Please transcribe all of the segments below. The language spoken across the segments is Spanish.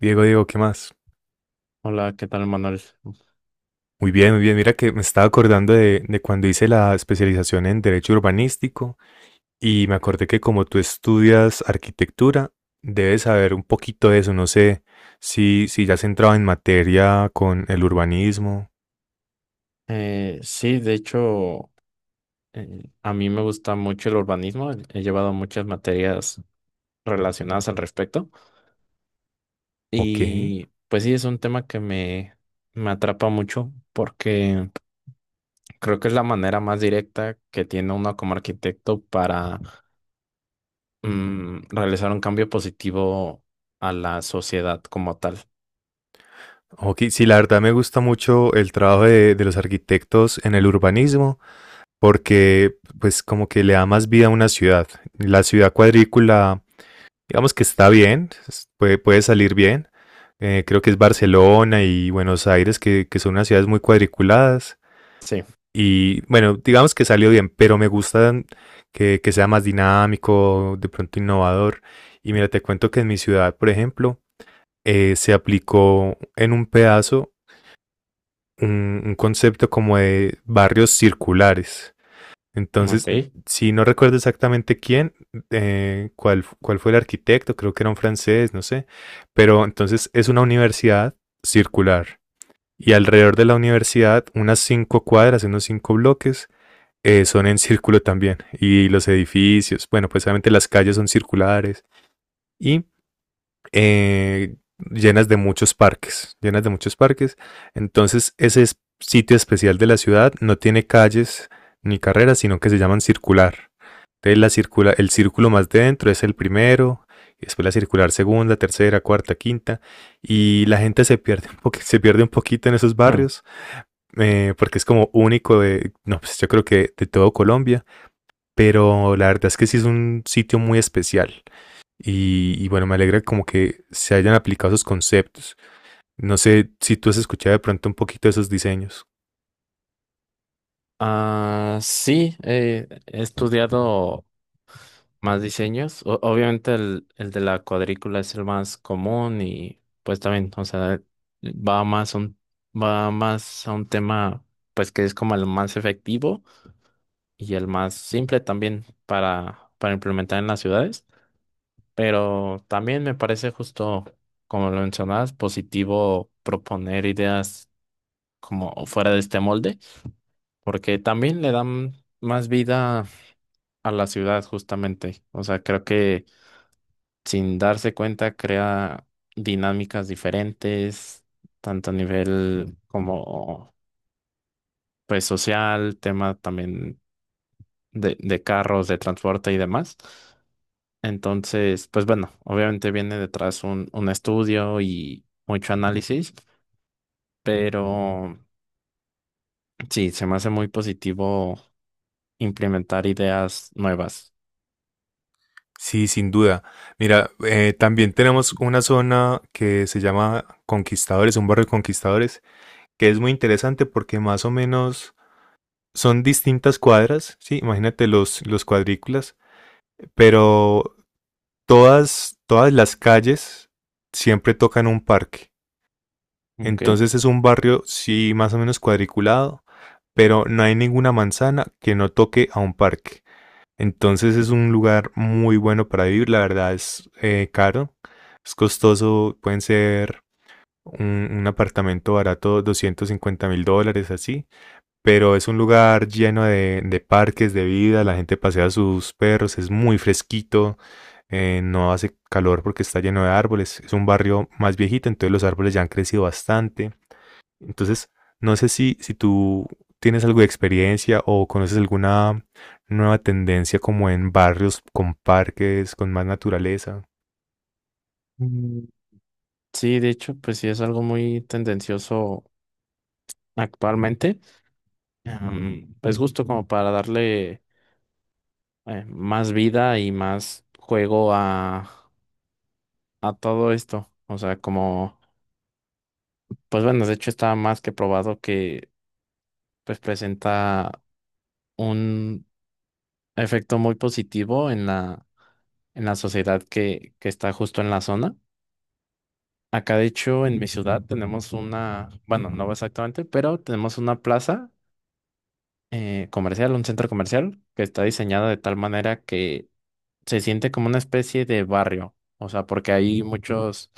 Diego, Diego, ¿qué más? Hola, ¿qué tal, Manuel? Muy bien, muy bien. Mira que me estaba acordando de cuando hice la especialización en Derecho Urbanístico y me acordé que como tú estudias arquitectura, debes saber un poquito de eso. No sé si ya has entrado en materia con el urbanismo Sí, de hecho, a mí me gusta mucho el urbanismo. He llevado muchas materias relacionadas al respecto. o qué. Y pues sí, es un tema me atrapa mucho porque creo que es la manera más directa que tiene uno como arquitecto para realizar un cambio positivo a la sociedad como tal. Ok, sí, la verdad me gusta mucho el trabajo de los arquitectos en el urbanismo porque pues como que le da más vida a una ciudad. La ciudad cuadrícula digamos que está bien, puede, puede salir bien. Creo que es Barcelona y Buenos Aires, que son unas ciudades muy cuadriculadas. Sí, Y bueno, digamos que salió bien, pero me gusta que sea más dinámico, de pronto innovador. Y mira, te cuento que en mi ciudad, por ejemplo, se aplicó en un pedazo un concepto como de barrios circulares. Entonces, ok. si no recuerdo exactamente quién, cuál fue el arquitecto, creo que era un francés, no sé, pero entonces es una universidad circular y alrededor de la universidad unas cinco cuadras, unos cinco bloques, son en círculo también y los edificios, bueno, pues obviamente las calles son circulares y eh, llenas de muchos parques, llenas de muchos parques. Entonces, sitio especial de la ciudad no tiene calles ni carreras, sino que se llaman circular. Entonces la circula, el círculo más de dentro es el primero, y después la circular segunda, tercera, cuarta, quinta, y la gente se pierde se pierde un poquito en esos barrios, porque es como único de, no, pues yo creo que de todo Colombia, pero la verdad es que sí es un sitio muy especial. Y bueno, me alegra como que se hayan aplicado esos conceptos. No sé si tú has escuchado de pronto un poquito de esos diseños. Ah, sí, he estudiado más diseños. Obviamente el de la cuadrícula es el más común y pues también, o sea, va más a un, va más a un tema pues que es como el más efectivo y el más simple también para implementar en las ciudades. Pero también me parece justo, como lo mencionabas, positivo proponer ideas como fuera de este molde, porque también le dan más vida a la ciudad justamente. O sea, creo que sin darse cuenta crea dinámicas diferentes, tanto a nivel como pues social, tema también de carros, de transporte y demás. Entonces, pues bueno, obviamente viene detrás un estudio y mucho análisis, pero sí, se me hace muy positivo implementar ideas nuevas. Sí, sin duda. Mira, también tenemos una zona que se llama Conquistadores, un barrio de Conquistadores, que es muy interesante porque más o menos son distintas cuadras, sí, imagínate los cuadrículas, pero todas las calles siempre tocan un parque. Ok. Entonces es un barrio, sí, más o menos cuadriculado, pero no hay ninguna manzana que no toque a un parque. Entonces es un lugar muy bueno para vivir, la verdad es caro, es costoso, pueden ser un apartamento barato, $250.000 así, pero es un lugar lleno de parques, de vida, la gente pasea sus perros, es muy fresquito, no hace calor porque está lleno de árboles, es un barrio más viejito, entonces los árboles ya han crecido bastante. Entonces, no sé si tú tienes algo de experiencia o conoces alguna nueva tendencia como en barrios con parques, con más naturaleza. Mm, Sí, de hecho, pues sí es algo muy tendencioso actualmente, pues justo como para darle más vida y más juego a todo esto. O sea, como, pues bueno, de hecho está más que probado que pues presenta un efecto muy positivo en en la sociedad que está justo en la zona. Acá, de hecho, en mi ciudad tenemos una, bueno, no exactamente, pero tenemos una plaza comercial, un centro comercial que está diseñada de tal manera que se siente como una especie de barrio, o sea, porque hay muchos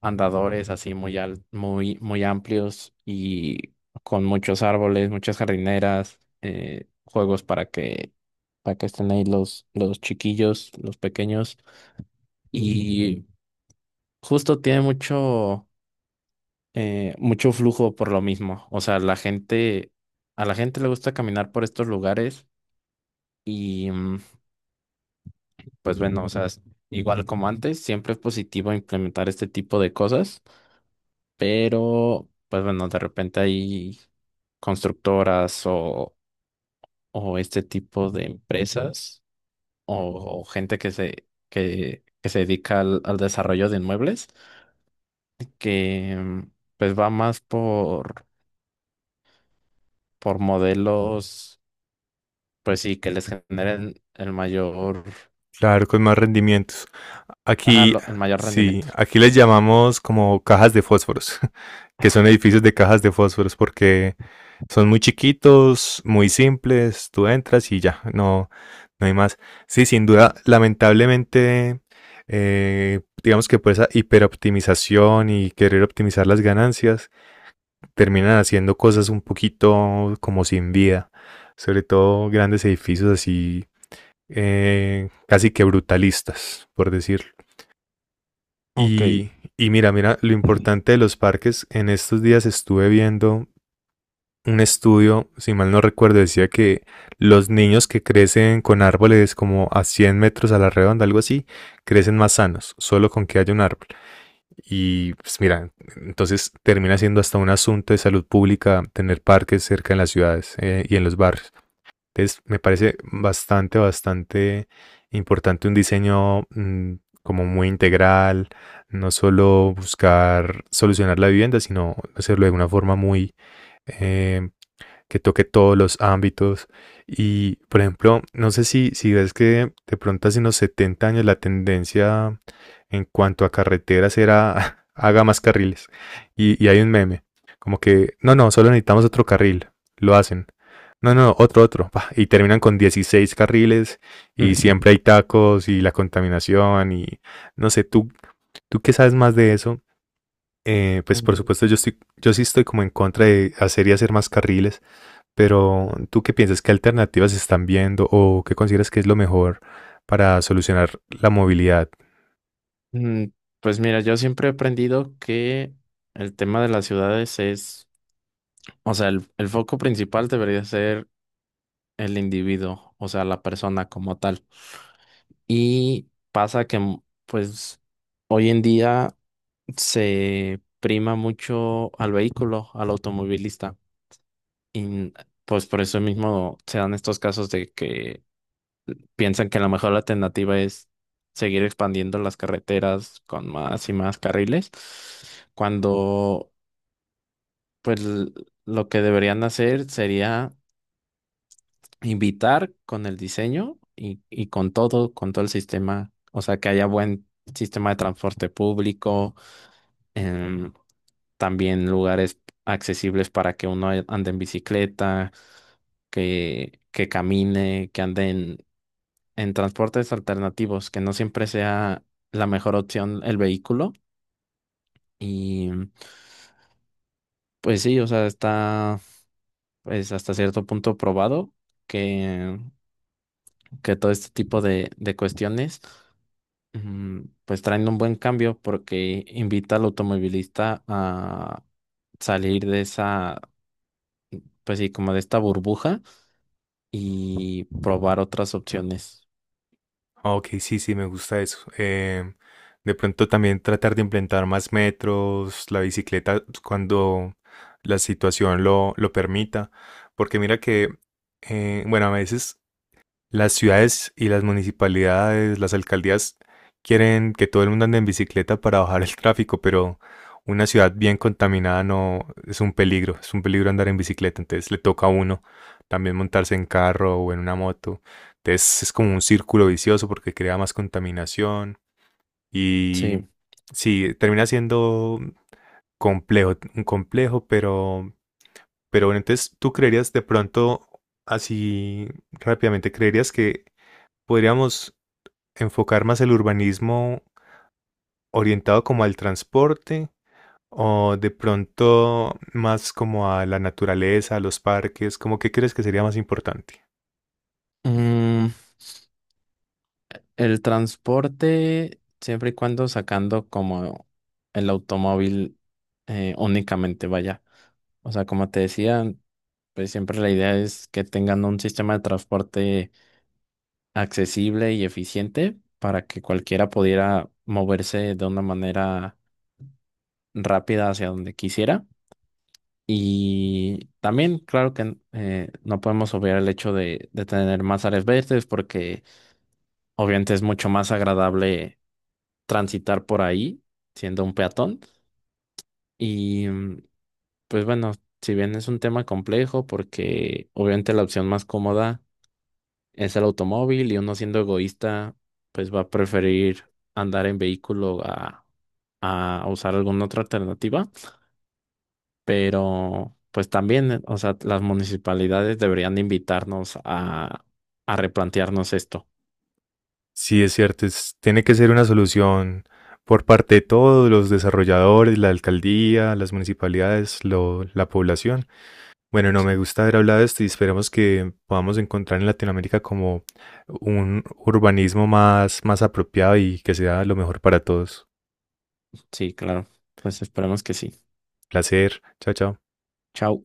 andadores así muy, muy amplios y con muchos árboles, muchas jardineras, juegos para que estén ahí los chiquillos, los pequeños, y justo tiene mucho, mucho flujo por lo mismo, o sea, la gente, a la gente le gusta caminar por estos lugares. Y pues bueno, o sea, igual como antes, siempre es positivo implementar este tipo de cosas, pero pues bueno, de repente hay constructoras o este tipo de empresas o gente que se dedica al desarrollo de inmuebles, que pues va más por modelos, pues sí, que les generen el mayor, Claro, con más rendimientos. ajá, Aquí, el mayor sí, rendimiento. aquí les llamamos como cajas de fósforos. Que son edificios de cajas de fósforos porque son muy chiquitos, muy simples, tú entras y ya, no, no hay más. Sí, sin duda, lamentablemente, digamos que por esa hiperoptimización y querer optimizar las ganancias, terminan haciendo cosas un poquito como sin vida, sobre todo grandes edificios así, casi que brutalistas, por decirlo. Ok. Y, y mira, mira, lo importante de los parques, en estos días estuve viendo un estudio, si mal no recuerdo, decía que los niños que crecen con árboles como a 100 metros a la redonda, algo así, crecen más sanos, solo con que haya un árbol. Y pues mira, entonces termina siendo hasta un asunto de salud pública tener parques cerca en las ciudades y en los barrios. Entonces me parece bastante, bastante importante un diseño como muy integral, no solo buscar solucionar la vivienda, sino hacerlo de una forma muy eh, que toque todos los ámbitos. Y, por ejemplo, no sé si ves que de pronto hace unos 70 años la tendencia en cuanto a carreteras era haga más carriles. Y hay un meme, como que, no, no, solo necesitamos otro carril, lo hacen. No, no, otro. Y terminan con 16 carriles y siempre hay tacos y la contaminación y no sé, tú qué sabes más de eso, pues por Mm. supuesto yo sí estoy como en contra de hacer y hacer más carriles, pero ¿tú qué piensas? ¿Qué alternativas están viendo o qué consideras que es lo mejor para solucionar la movilidad? Mm, Pues mira, yo siempre he aprendido que el tema de las ciudades es, o sea, el foco principal debería ser el individuo, o sea, la persona como tal. Y pasa que, pues, hoy en día se prima mucho al vehículo, al automovilista. Y pues por eso mismo se dan estos casos de que piensan que a lo mejor la alternativa es seguir expandiendo las carreteras con más y más carriles, cuando pues l- lo que deberían hacer sería invitar con el diseño y con todo el sistema, o sea, que haya buen sistema de transporte público, em, también lugares accesibles para que uno ande en bicicleta, que camine, que anden en transportes alternativos, que no siempre sea la mejor opción el vehículo. Y pues sí, o sea, está pues hasta cierto punto probado que, que todo este tipo de cuestiones mm, pues traen un buen cambio porque invita al automovilista a salir de esa, pues sí, como de esta burbuja y probar otras opciones. Ah, ok, sí, sí, me gusta eso. De pronto también tratar de implementar más metros, la bicicleta cuando la situación lo permita. Porque mira que, bueno, a veces las ciudades y las municipalidades, las alcaldías quieren que todo el mundo ande en bicicleta para bajar el tráfico, pero una ciudad bien contaminada no es un peligro, es un peligro andar en bicicleta, entonces le toca a uno también montarse en carro o en una moto. Entonces es como un círculo vicioso porque crea más contaminación y Sí. sí, termina siendo complejo, un complejo, pero bueno, entonces tú creerías de pronto así rápidamente, creerías que podríamos enfocar más el urbanismo orientado como al transporte o de pronto más como a la naturaleza, a los parques, ¿cómo qué crees que sería más importante? Mm, El transporte, siempre y cuando sacando como el automóvil únicamente, vaya. O sea, como te decía, pues siempre la idea es que tengan un sistema de transporte accesible y eficiente para que cualquiera pudiera moverse de una manera rápida hacia donde quisiera. Y también, claro que no podemos obviar el hecho de tener más áreas verdes porque obviamente es mucho más agradable transitar por ahí siendo un peatón. Y pues bueno, si bien es un tema complejo porque obviamente la opción más cómoda es el automóvil y uno siendo egoísta pues va a preferir andar en vehículo a usar alguna otra alternativa. Pero pues también, o sea, las municipalidades deberían invitarnos a replantearnos esto. Sí, es cierto, tiene que ser una solución por parte de todos los desarrolladores, la alcaldía, las municipalidades, la población. Bueno, no me gusta haber hablado de esto y esperemos que podamos encontrar en Latinoamérica como un urbanismo más, más apropiado y que sea lo mejor para todos. Sí, claro. Pues esperemos que sí. Placer. Chao, chao. Chao.